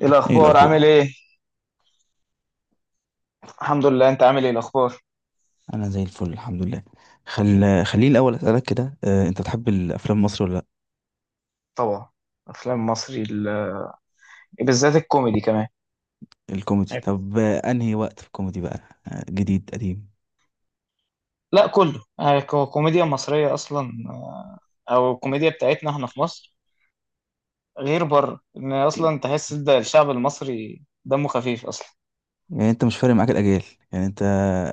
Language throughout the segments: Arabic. إيه ايه الاخبار عامل الاخبار؟ ايه؟ الحمد لله، انت عامل ايه الاخبار؟ انا زي الفل، الحمد لله. خل... خليني الاول اسالك كده، انت بتحب الافلام مصر ولا لا؟ طبعا. افلام مصري، إيه بالذات الكوميدي كمان. الكوميدي. أيوة. طب انهي وقت في الكوميدي بقى؟ جديد؟ قديم؟ لا، كله يعني الكوميديا المصريه اصلا، او الكوميديا بتاعتنا احنا في مصر، غير بره ان اصلا تحس ده الشعب المصري دمه خفيف اصلا. يعني انت مش فارق معاك الاجيال، يعني انت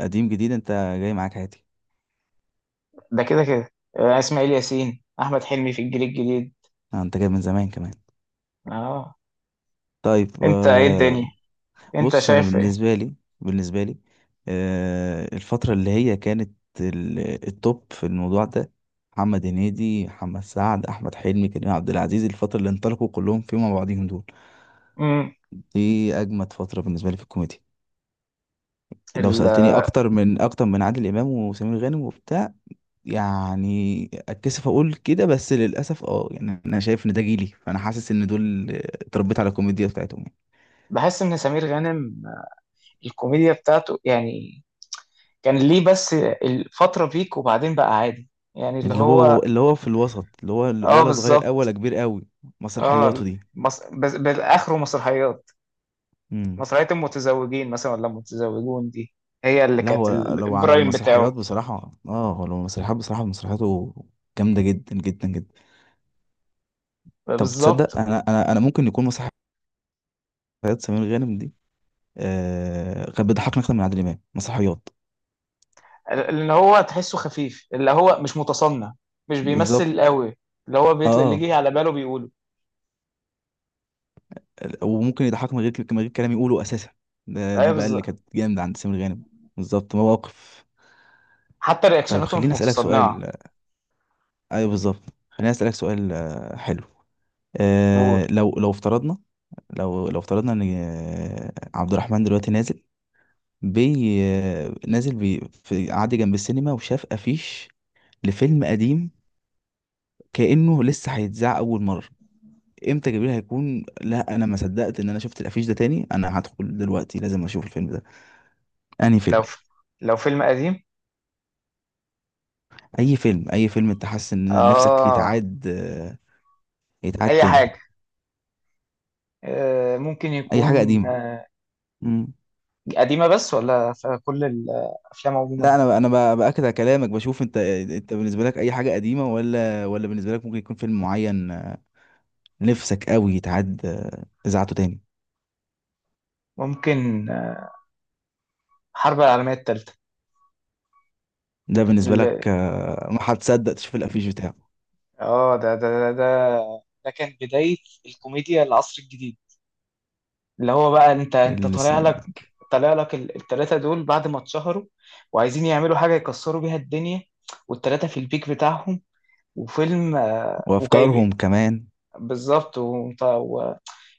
قديم جديد، انت جاي معاك عادي. ده كده كده، اسماعيل ياسين، احمد حلمي في الجيل الجديد. انت جاي من زمان كمان. اه. طيب انت ايه الدنيا؟ انت بص، انا شايف ايه؟ بالنسبه لي الفتره اللي هي كانت التوب في الموضوع ده، محمد هنيدي، محمد سعد، احمد حلمي، كريم عبد العزيز، الفتره اللي انطلقوا كلهم فيهم مع بعضهم دول، امم. دي اجمد فتره بالنسبه لي في الكوميديا. لو ال- سالتني اكتر من عادل امام وسمير غانم وبتاع، يعني اتكسف اقول كده، بس للاسف يعني انا شايف ان ده جيلي، فانا حاسس ان دول اتربيت على الكوميديا بتاعتهم يعني. بحس ان سمير غانم الكوميديا بتاعته يعني كان ليه بس الفترة بيك، وبعدين بقى عادي. يعني اللي اللي هو. هو اللي هو في الوسط، اللي هو اه، ولا صغير قوي ولا بالظبط. كبير قوي. اه. مسرحياته دي. بس بالاخره مسرحيات. امم. مسرحية المتزوجين مثلا، ولا المتزوجون دي هي اللي لا، كانت هو لو على البرايم بتاعه. المسرحيات بصراحه، مسرحياته جامده جدا جدا جدا. طب بالظبط، تصدق، انا ممكن يكون مسرحيات سمير غانم دي كان بيضحكني اكتر من عادل امام. مسرحيات. اللي هو تحسه خفيف، اللي هو مش متصنع، مش بالظبط. بيمثل قوي. اللي هو بيطلع اللي اه. يجي على باله بيقوله. وممكن يضحك من غير كلام يقوله اساسا. ده ايوه، دي بقى اللي بالظبط. كانت جامده عند سمير غانم. بالظبط، مواقف. حتى طيب رياكشناته مش خليني اسالك متصنعة. سؤال. ايوه بالظبط. خليني اسالك سؤال حلو. ولو. لو افترضنا، لو افترضنا ان عبد الرحمن دلوقتي نازل، بي آه، نازل بي، في قعد جنب السينما وشاف افيش لفيلم قديم كأنه لسه هيتذاع اول مره، امتى جبريل هيكون؟ لا انا ما صدقت ان انا شفت الافيش ده تاني، انا هدخل دلوقتي لازم اشوف الفيلم ده. انهي فيلم؟ لو فيلم قديم. اي فيلم انت حاسس ان نفسك اه. يتعاد يتعاد اي تاني؟ حاجة. ممكن اي يكون. حاجه قديمه. مم. قديمة، بس ولا في كل الأفلام عموما؟ لا، انا باكد على كلامك، بشوف انت بالنسبه لك اي حاجه قديمه ولا بالنسبه لك ممكن يكون فيلم معين، نفسك قوي يتعاد اذاعته تاني؟ ممكن، الحرب العالمية الثالثة. ده بالنسبه ال- لك ما هتصدق تشوف الافيش بتاعه. اه ده كان بداية الكوميديا العصر الجديد. اللي هو بقى انت انت الس- طالع لك طالع لك ال- التلاتة دول بعد ما اتشهروا، وعايزين يعملوا حاجة يكسروا بيها الدنيا، والتلاتة في البيك بتاعهم، وفيلم، وجايب. وافكارهم كمان. بالظبط،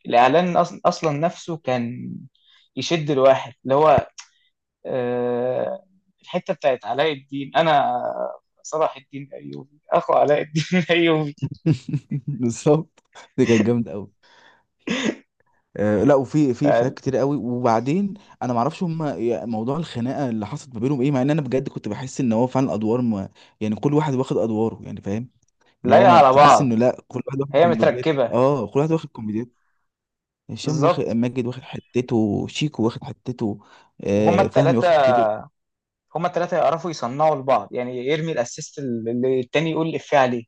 والإعلان أصلا نفسه كان يشد الواحد اللي هو، آه، الحته بتاعت علاء الدين، انا صلاح الدين الايوبي اخو علاء الدين الايوبي. بالظبط، دي كانت جامده قوي. لا، وفي افيهات كتير قوي. وبعدين انا ما اعرفش هم موضوع الخناقه اللي حصلت ما بينهم ايه، مع ان انا بجد كنت بحس ان هو فعلا ادوار ما، يعني كل واحد واخد ادواره يعني، فاهم؟ اللي هو لايقه ما على تحس بعض، انه لا، كل واحد واخد هي كوميدياته، متركبه. كل واحد واخد كوميدياته. هشام واخد، بالظبط، ماجد واخد حتته، شيكو واخد حتته، وهما فهمي التلاتة واخد حتته. هما التلاتة يعرفوا يصنعوا لبعض، يعني يرمي الاسيست اللي التاني يقول الإفيه عليه.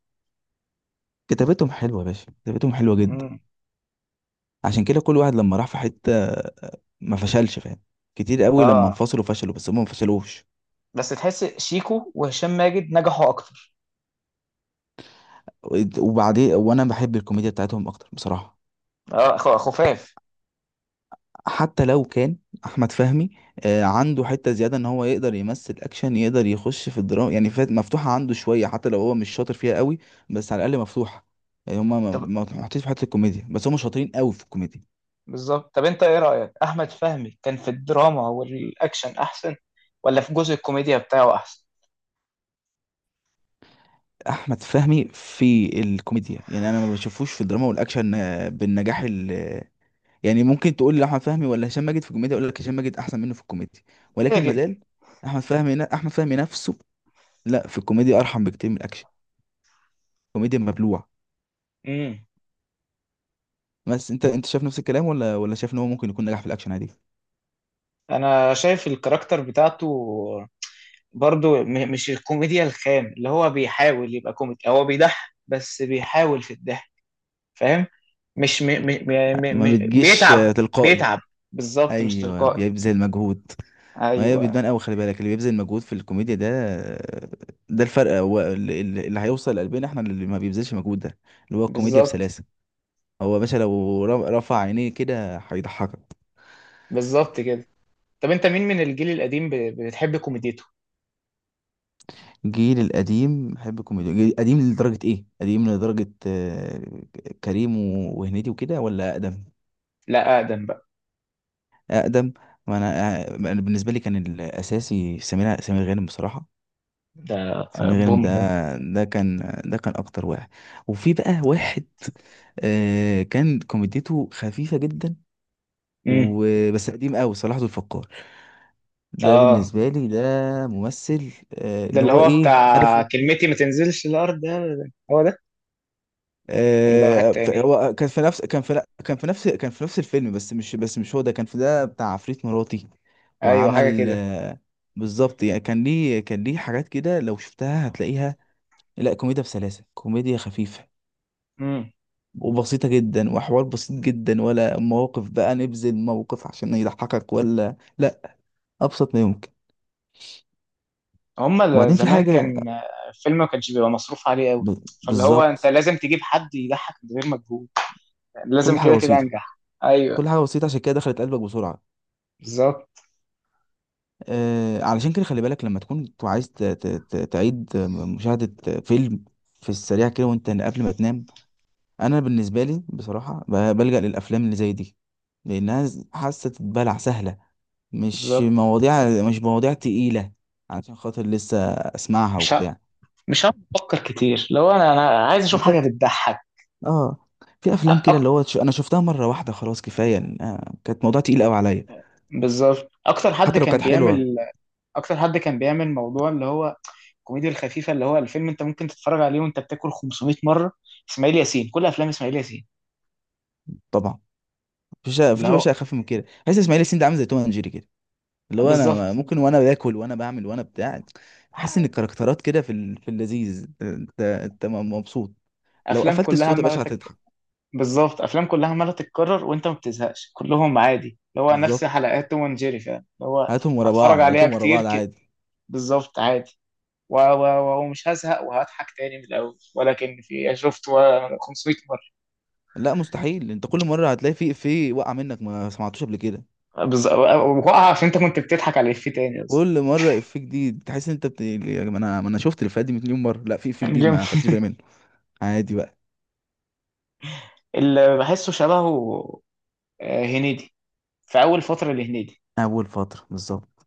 كتابتهم حلوه يا باشا، كتابتهم حلوه جدا. مم. عشان كده كل واحد لما راح في حته ما فشلش، فاهم؟ كتير قوي لما اه، انفصلوا فشلوا، بس هم ما فشلوش. بس تحس شيكو وهشام ماجد نجحوا اكتر. وبعدين وانا بحب الكوميديا بتاعتهم اكتر بصراحه. اه، خفاف. حتى لو كان احمد فهمي عنده حته زياده ان هو يقدر يمثل اكشن، يقدر يخش في الدراما، يعني فات مفتوحه عنده شويه، حتى لو هو مش شاطر فيها قوي، بس على الاقل مفتوحه. يعني هما ما طب، ما محطوطين في حته الكوميديا بس، هما شاطرين قوي في الكوميديا. بالظبط. طب انت ايه رأيك؟ احمد فهمي كان في الدراما والاكشن احسن، ولا في جزء الكوميديا بتاعه احسن؟ احمد فهمي في الكوميديا، يعني انا ما بشوفوش في الدراما والاكشن بالنجاح ال آه، يعني ممكن تقول لي احمد فهمي ولا هشام ماجد في الكوميديا، اقول لك هشام ماجد احسن منه في الكوميديا، كده ولكن كده. مازال احمد فهمي نفسه لا، في الكوميديا ارحم بكتير من الاكشن. الكوميديا مبلوع. امم. بس انت شايف نفس الكلام ولا شايف ان هو ممكن يكون نجح في الاكشن عادي؟ انا شايف الكاركتر بتاعته برضو مش الكوميديا الخام، اللي هو بيحاول يبقى كوميدي، هو بيضحك بس بيحاول في الضحك، فاهم؟ مش ما بتجيش بيتعب، تلقائي. بيتعب. بالظبط، مش ايوه تلقائي. بيبذل مجهود. ما هي ايوه، بتبان قوي، خلي بالك اللي بيبذل مجهود في الكوميديا ده، ده الفرق. هو اللي هيوصل لقلبنا احنا اللي ما بيبذلش مجهود ده، اللي هو الكوميديا بالظبط. بسلاسه. هو يا باشا لو رفع عينيه كده هيضحكك. بالظبط كده. طب انت مين من الجيل القديم بتحب كوميديته؟ الجيل القديم بحب الكوميديا، قديم لدرجه ايه؟ قديم لدرجه كريم وهنيدي وكده، ولا اقدم؟ لا، اقدم بقى. اقدم. ما انا، أنا بالنسبه لي كان الاساسي سمير غانم بصراحه. ده، سمير غانم بوم ده، ده. ده كان، ده كان اكتر واحد. وفي بقى واحد كان كوميديته خفيفه جدا امم. وبس، قديم قوي، صلاح ذو الفقار. ده اه، بالنسبه لي ده ممثل ده اللي اللي هو، هو ايه، عارف؟ بتاع كلمتي ما تنزلش الارض، ده هو ده. ولا ده واحد تاني؟ هو كان في نفس كان في نفس الفيلم، بس مش هو ده، كان في ده بتاع عفريت مراتي. ايوه، وعمل حاجه بالظبط. يعني كان ليه حاجات كده لو شفتها هتلاقيها لا، كوميديا بسلاسة، كوميديا خفيفة كده. وبسيطة جدا، وحوار بسيط جدا، ولا مواقف بقى نبذل موقف عشان يضحكك ولا لا، أبسط ما يمكن. هما وبعدين في زمان حاجة، كان الفيلم ما كانش بيبقى مصروف عليه قوي. ب... فاللي هو انت بالظبط، لازم تجيب حد يضحك من غير مجهود، لازم كل حاجة كده كده بسيطة. انجح. ايوه، كل حاجة بسيطة عشان كده دخلت قلبك بسرعة. بالظبط. علشان كده خلي بالك لما تكون عايز تعيد مشاهدة فيلم في السريع كده وانت قبل ما تنام، انا بالنسبة لي بصراحة بلجأ للافلام اللي زي دي، لانها حاسة تتبلع سهلة، مش بالظبط، مواضيع مش مواضيع تقيلة، علشان خاطر لسه اسمعها مش ه... وبتاع. مش هقعد افكر كتير لو انا عايز اشوف حاجه بالظبط. بتضحك. اه. في افلام كده أك... اللي هو انا شفتها مرة واحدة خلاص، كفاية كانت موضوع تقيل قوي عليا، بالظبط، حتى لو كانت حلوة. اكتر حد كان بيعمل موضوع اللي هو الكوميديا الخفيفه، اللي هو الفيلم انت ممكن تتفرج عليه وانت بتاكل 500 مره. اسماعيل ياسين، كل افلام اسماعيل ياسين. طبعا. مفيش اللي مفيش يا هو باشا اخف من كده، حاسس اسماعيل ياسين ده عامل زي توم اند جيري كده، اللي هو انا بالظبط، ممكن وانا باكل وانا بعمل وانا بتاع تحس ان ح- الكاركترات كده في اللذيذ، انت مبسوط. لو افلام قفلت الصوت يا كلها باشا هتضحك. بالظبط، افلام كلها عماله تتكرر، وانت ما بتزهقش، كلهم عادي. اللي هو نفس بالظبط، حلقات توم اند جيري فعلا، اللي هو هاتهم ورا هتفرج بعض، عليها هاتهم ورا كتير، بعض عادي. بالظبط، عادي. ومش هزهق، وهضحك تاني من الاول، ولكن في، يعني شفت 500 مره. لا مستحيل، انت كل مره هتلاقي في افيه وقع منك ما سمعتوش قبل كده. بالظبط، وقع عشان انت كنت بتضحك على الافيه تاني اصلا. كل مره افيه جديد تحس ان انت يعني، ما انا شفت الافيهات دي مليون مره، لا في افيه يعني جديد جامد. ما خدتش بالي منه. عادي بقى. اللي بحسه شبهه هنيدي، في اول فتره لهنيدي. اول فتره بالظبط.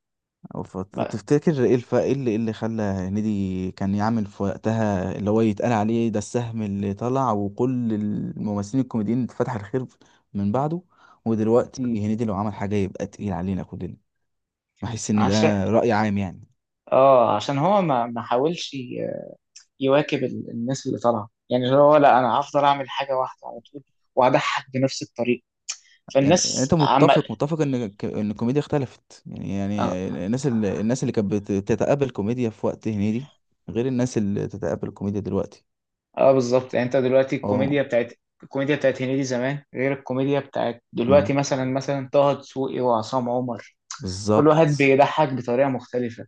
ما- تفتكر ايه الف... ايه اللي إيه اللي خلى هنيدي كان يعمل في وقتها اللي هو يتقال عليه ده السهم اللي طلع وكل الممثلين الكوميديين اتفتح الخير من بعده، ودلوقتي هنيدي لو عمل حاجة يبقى تقيل علينا كلنا؟ بحس ان عشان ده رأي عام يعني. اه عشان هو ما حاولش يواكب الناس اللي طالعه، يعني اللي هو، لا انا هفضل اعمل حاجه واحده على طول، واضحك بنفس الطريقه. يعني فالناس انت عم، متفق ان ان الكوميديا اختلفت يعني؟ اه, يعني الناس اللي كانت بتتقبل كوميديا في وقت هنيدي غير الناس اللي تتقبل الكوميديا دلوقتي. بالظبط، يعني انت دلوقتي اه. الكوميديا بتاعت، الكوميديا بتاعت هنيدي زمان غير الكوميديا بتاعت أمم. دلوقتي، مثلا، طه دسوقي وعصام عمر. كل واحد بالظبط. بيضحك بطريقه مختلفه،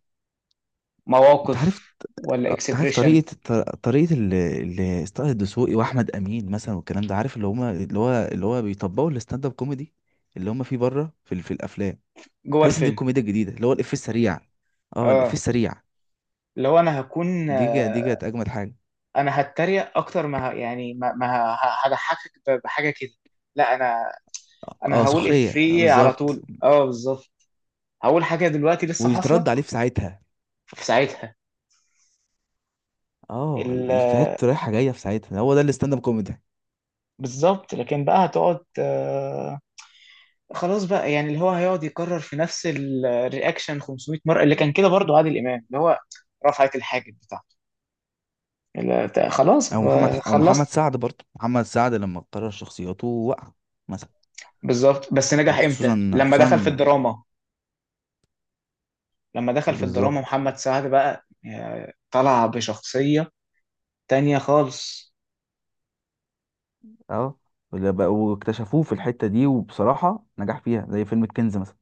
انت عارف. مواقف ولا انت عارف اكسبريشن؟ طريقة طه الدسوقي واحمد امين مثلا والكلام ده، عارف اللي هو بيطبقوا الستاند اب كوميدي اللي هما فيه بره في الافلام. جوه حاسس ان دي الفيلم. الكوميديا الجديدة، اللي هو الافيه السريع. اه، الافيه اه، السريع. اللي هو انا هكون، دي كانت اجمد حاجة. انا هتريق اكتر ما يعني ما هضحكك بحاجه كده. لا، انا اه، انا هقول سخرية، افيه على بالظبط. طول. اه، بالظبط. هقول حاجه دلوقتي لسه حاصله ويترد عليه في ساعتها. في ساعتها، اه، ال- الافيهات رايحة جاية في ساعتها، هو ده الستاند اب كوميدي. بالظبط، لكن بقى هتقعد، خلاص بقى، يعني اللي هو هيقعد يكرر في نفس الرياكشن 500 مره، اللي كان كده برضو عادل امام، اللي هو رفعت الحاجب بتاعته، اللي خلاص، او محمد او محمد خلصت. سعد برضه، محمد سعد لما قرر شخصياته وقع مثلا. بالظبط، بس نجح خصوصا امتى؟ لما خصوصا. دخل في الدراما، لما دخل في الدراما بالظبط محمد سعد بقى، طلع بشخصيه تانية خالص. اه. واكتشفوه في الحتة دي، وبصراحة نجح فيها زي فيلم الكنز مثلا.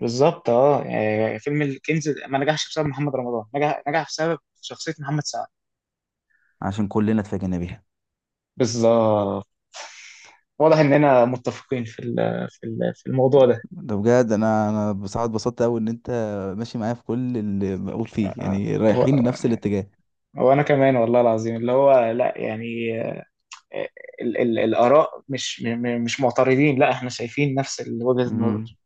بالظبط، اه يعني فيلم الكنز ما نجحش بسبب محمد رمضان، نجح بسبب شخصية محمد سعد. عشان كلنا اتفاجئنا بيها. بالظبط، واضح اننا متفقين في الموضوع ده. ده بجد انا بصراحه اتبسطت قوي ان انت ماشي معايا في كل اللي بقول فيه، يعني و- رايحين لنفس الاتجاه. وانا كمان والله العظيم، اللي هو لا، يعني، آه، ال ال الاراء مش م- م- مش معترضين، لا، احنا شايفين نفس وجهة النظر. امم.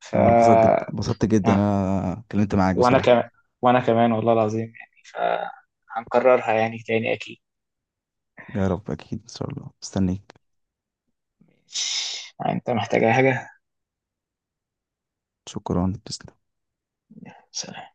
ف انا اتبسطت جدا آه، اتبسطت جدا، انا اتكلمت معاك وانا بصراحه. كمان وانا كمان والله العظيم، يعني فهنكررها يعني تاني اكيد. يا رب اكيد ان شاء الله، مستنيك. يعني انت محتاج أي حاجة؟ شكرا، تسلم. سلام.